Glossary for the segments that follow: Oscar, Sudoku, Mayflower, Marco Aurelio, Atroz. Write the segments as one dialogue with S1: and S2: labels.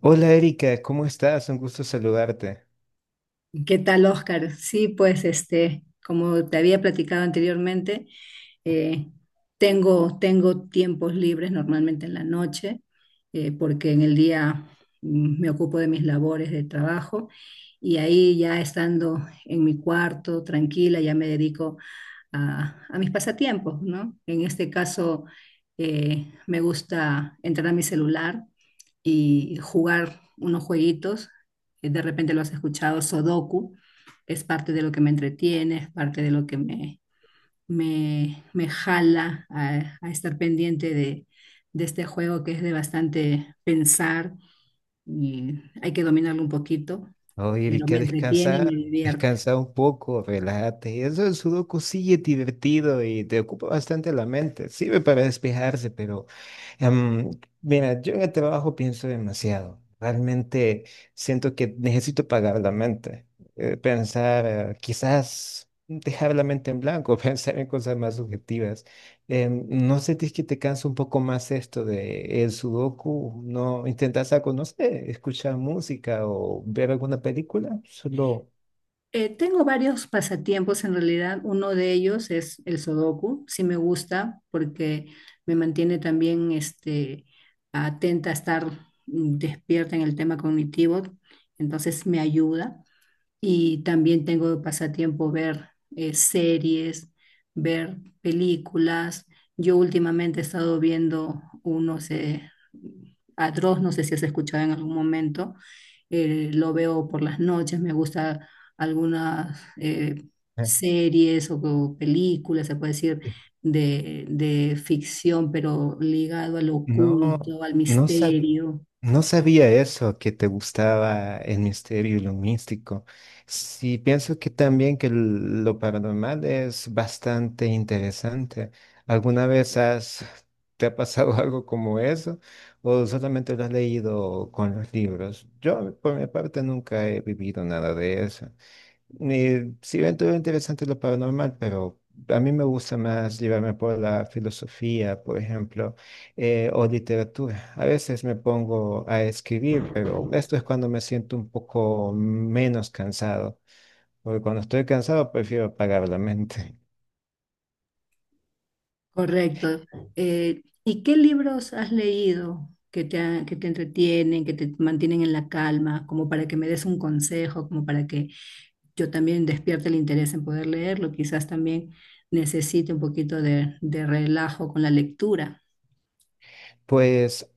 S1: Hola Erika, ¿cómo estás? Un gusto saludarte.
S2: ¿Qué tal, Oscar? Sí, pues este, como te había platicado anteriormente, eh, tengo tiempos libres normalmente en la noche. Porque en el día me ocupo de mis labores de trabajo y ahí ya estando en mi cuarto tranquila, ya me dedico a mis pasatiempos, ¿no? En este caso, me gusta entrar a mi celular y jugar unos jueguitos. De repente lo has escuchado, Sudoku. Es parte de lo que me entretiene, es parte de lo que me jala a estar pendiente de este juego que es de bastante pensar y hay que dominarlo un poquito,
S1: Oye
S2: pero me
S1: Erika,
S2: entretiene y me
S1: descansa,
S2: divierte.
S1: descansa un poco, relájate. Eso del sudoku sí es divertido y te ocupa bastante la mente. Sirve para despejarse, pero em, mira, yo en el trabajo pienso demasiado. Realmente siento que necesito pagar la mente. Pensar, quizás dejar la mente en blanco, pensar en cosas más subjetivas. ¿No sentís que te cansa un poco más esto de el sudoku? ¿No intentas algo, no sé, escuchar música o ver alguna película? Solo,
S2: Tengo varios pasatiempos en realidad. Uno de ellos es el sudoku. Sí me gusta porque me mantiene también atenta a estar despierta en el tema cognitivo. Entonces me ayuda. Y también tengo de pasatiempo ver series, ver películas. Yo últimamente he estado viendo unos Atroz, no sé si has escuchado en algún momento. Lo veo por las noches, me gusta algunas
S1: Eh,
S2: series o películas, se puede decir, de ficción, pero ligado al
S1: no,
S2: oculto, al
S1: no sabía.
S2: misterio.
S1: No sabía eso, que te gustaba el misterio y lo místico. Sí, pienso que también que lo paranormal es bastante interesante. ¿Alguna vez has, te ha pasado algo como eso? ¿O solamente lo has leído con los libros? Yo, por mi parte, nunca he vivido nada de eso. Sí, dentro de interesante lo paranormal, pero a mí me gusta más llevarme por la filosofía, por ejemplo, o literatura. A veces me pongo a escribir, pero esto es cuando me siento un poco menos cansado, porque cuando estoy cansado prefiero apagar la mente.
S2: Correcto. ¿Y qué libros has leído que te entretienen, que te mantienen en la calma, como para que me des un consejo, como para que yo también despierte el interés en poder leerlo? Quizás también necesite un poquito de relajo con la lectura.
S1: Pues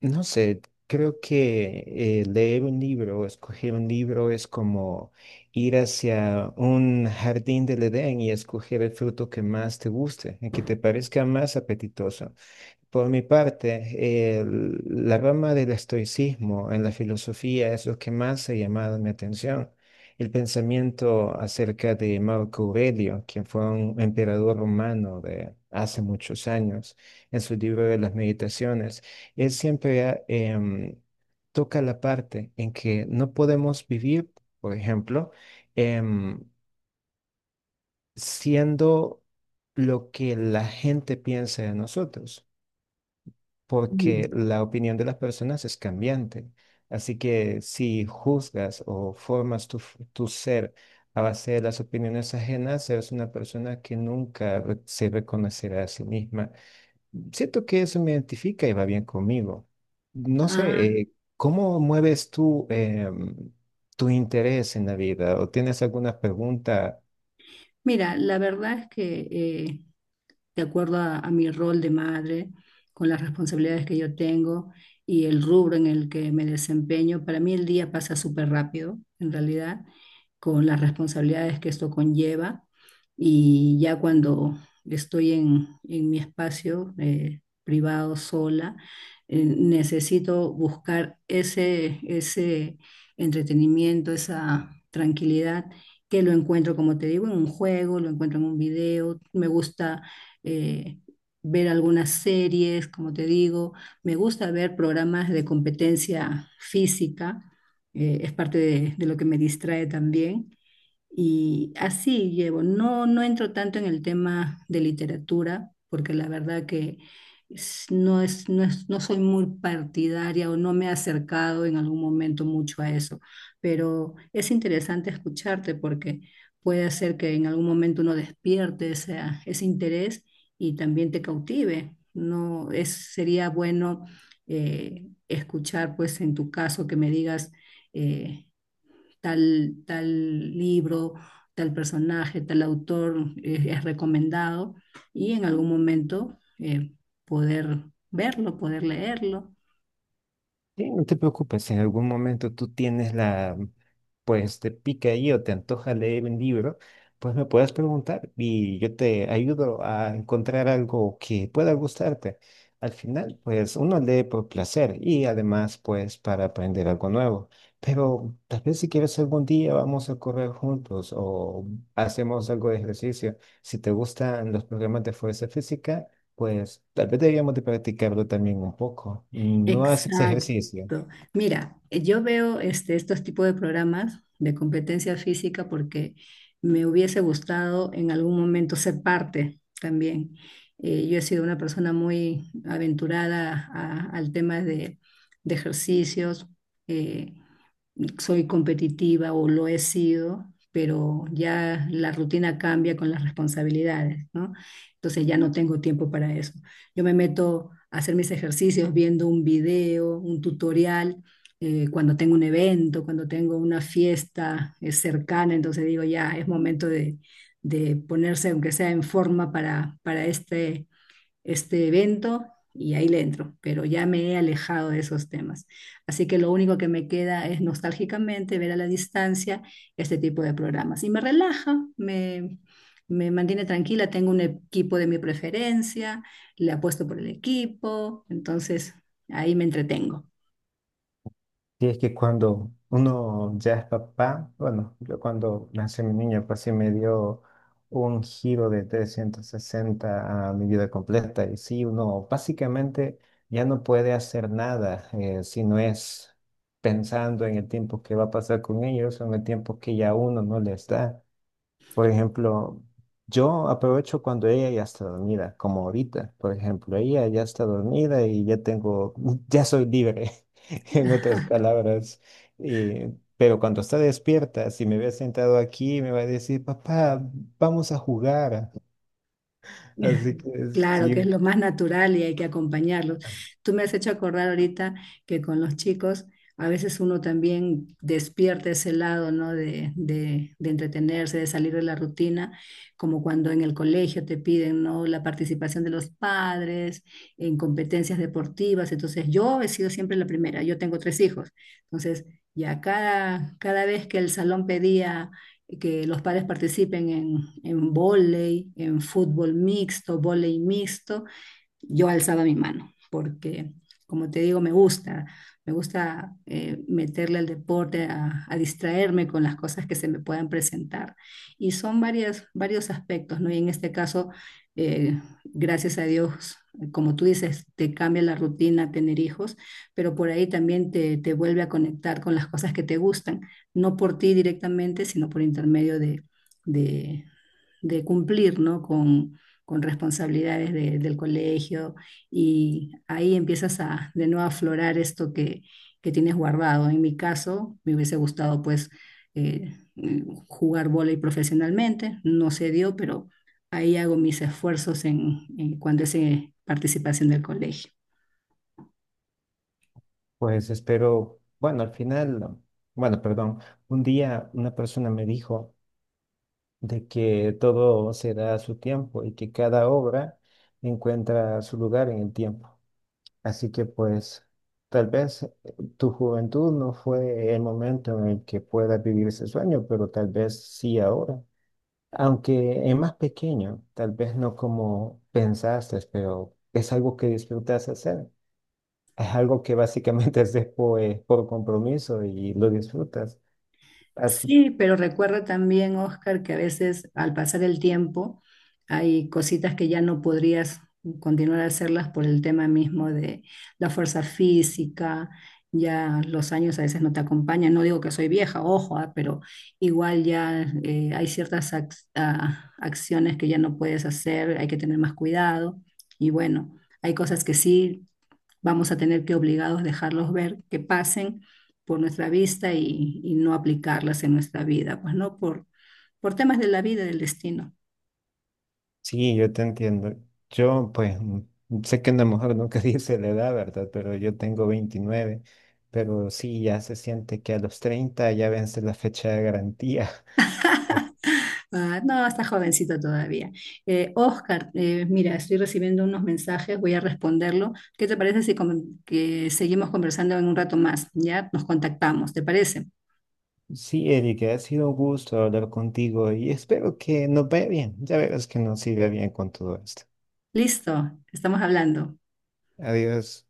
S1: no sé, creo que leer un libro, o escoger un libro es como ir hacia un jardín del Edén y escoger el fruto que más te guste, el que te parezca más apetitoso. Por mi parte, la rama del estoicismo en la filosofía es lo que más ha llamado mi atención. El pensamiento acerca de Marco Aurelio, quien fue un emperador romano de hace muchos años, en su libro de las meditaciones, él siempre ha, toca la parte en que no podemos vivir, por ejemplo, em, siendo lo que la gente piensa de nosotros
S2: Ujú.
S1: porque la opinión de las personas es cambiante. Así que si juzgas o formas tu, tu ser a base de las opiniones ajenas, eres una persona que nunca se reconocerá a sí misma. Siento que eso me identifica y va bien conmigo. No
S2: Ah,
S1: sé, ¿cómo mueves tú tu interés en la vida? ¿O tienes alguna pregunta?
S2: mira, la verdad es que de acuerdo a mi rol de madre, con las responsabilidades que yo tengo y el rubro en el que me desempeño. Para mí el día pasa súper rápido, en realidad, con las responsabilidades que esto conlleva. Y ya cuando estoy en mi espacio privado sola, necesito buscar ese entretenimiento, esa tranquilidad que lo encuentro, como te digo, en un juego, lo encuentro en un video. Me gusta eh, ver algunas series, como te digo. Me gusta ver programas de competencia física. Es parte de lo que me distrae también. Y así llevo. No, no entro tanto en el tema de literatura, porque la verdad que no soy muy partidaria o no me he acercado en algún momento mucho a eso. Pero es interesante escucharte porque puede ser que en algún momento uno despierte ese interés y también te cautive. No es, sería bueno escuchar, pues en tu caso, que me digas. eh, tal libro, tal personaje, tal autor es recomendado y en algún momento poder verlo, poder leerlo.
S1: Sí, no te preocupes, si en algún momento tú tienes la, pues te pica ahí o te antoja leer un libro, pues me puedes preguntar y yo te ayudo a encontrar algo que pueda gustarte. Al final, pues uno lee por placer y además, pues para aprender algo nuevo. Pero tal vez si quieres algún día vamos a correr juntos o hacemos algo de ejercicio. Si te gustan los programas de fuerza física, pues tal vez deberíamos de practicarlo también un poco. Mm, no haces ejercicio.
S2: Exacto. Mira, yo veo este, estos tipos de programas de competencia física porque me hubiese gustado en algún momento ser parte también. Yo he sido una persona muy aventurada al tema de ejercicios. eh, Soy competitiva o lo he sido, pero ya la rutina cambia con las responsabilidades, ¿no? Entonces ya no tengo tiempo para eso. Yo me meto a hacer mis ejercicios viendo un video, un tutorial. Cuando tengo un evento, cuando tengo una fiesta cercana, entonces digo, ya es momento de ponerse, aunque sea en forma, para este evento y ahí le entro, pero ya me he alejado de esos temas. Así que lo único que me queda es nostálgicamente ver a la distancia este tipo de programas. Y me relaja, me mantiene tranquila, tengo un equipo de mi preferencia, le apuesto por el equipo, entonces ahí me entretengo.
S1: Y es que cuando uno ya es papá, bueno, yo cuando nació mi niño, pues sí me dio un giro de 360 a mi vida completa. Y sí, uno básicamente ya no puede hacer nada si no es pensando en el tiempo que va a pasar con ellos o en el tiempo que ya uno no les da. Por ejemplo, yo aprovecho cuando ella ya está dormida, como ahorita, por ejemplo, ella ya está dormida y ya tengo, ya soy libre, en otras palabras. Pero cuando está despierta, si me ve sentado aquí, me va a decir, papá, vamos a jugar. Así que
S2: Claro,
S1: sí,
S2: que es lo más natural y hay que acompañarlos. Tú me has hecho acordar ahorita que con los chicos a veces uno también despierta ese lado, ¿no? De entretenerse, de salir de la rutina, como cuando en el colegio te piden, ¿no? La participación de los padres en competencias deportivas. Entonces, yo he sido siempre la primera, yo tengo tres hijos. Entonces, ya cada vez que el salón pedía que los padres participen en vóley, en fútbol mixto, vóley mixto, yo alzaba mi mano, porque como te digo, me gusta meterle al deporte, distraerme con las cosas que se me puedan presentar. Y son varias, varios aspectos, ¿no? Y en este caso, gracias a Dios, como tú dices, te cambia la rutina tener hijos, pero por ahí también te vuelve a conectar con las cosas que te gustan, no por ti directamente, sino por intermedio de, de cumplir, ¿no? Con responsabilidades del colegio y ahí empiezas a de nuevo a aflorar esto que tienes guardado. En mi caso, me hubiese gustado pues eh, eh, jugar vóley profesionalmente, no se dio, pero ahí hago mis esfuerzos en cuanto es participación del colegio.
S1: pues espero, bueno, al final, bueno, perdón, un día una persona me dijo de que todo se da a su tiempo y que cada obra encuentra su lugar en el tiempo. Así que pues tal vez tu juventud no fue el momento en el que puedas vivir ese sueño, pero tal vez sí ahora. Aunque es más pequeño, tal vez no como pensaste, pero es algo que disfrutas hacer. Es algo que básicamente haces por compromiso y lo disfrutas. Así
S2: Sí, pero recuerda también, Oscar, que a veces al pasar el tiempo hay cositas que ya no podrías continuar a hacerlas por el tema mismo de la fuerza física, ya los años a veces no te acompañan. No digo que soy vieja, ojo, ah, pero igual ya hay ciertas acciones que ya no puedes hacer, hay que tener más cuidado. Y bueno, hay cosas que sí vamos a tener que obligados dejarlos ver que pasen por nuestra vista y no aplicarlas en nuestra vida, pues no por temas de la vida del destino.
S1: sí, yo te entiendo. Yo, pues, mm, sé que una mejor nunca dice la edad, ¿verdad? Pero yo tengo 29. Pero sí, ya se siente que a los 30 ya vence la fecha de garantía.
S2: Ah, no, está jovencito todavía. Oscar, mira, estoy recibiendo unos mensajes, voy a responderlo. ¿Qué te parece si que seguimos conversando en un rato más? Ya nos contactamos, ¿te parece?
S1: Sí, Eric, ha sido un gusto hablar contigo y espero que nos vaya bien. Ya verás que nos siga bien con todo esto.
S2: Listo, estamos hablando.
S1: Adiós.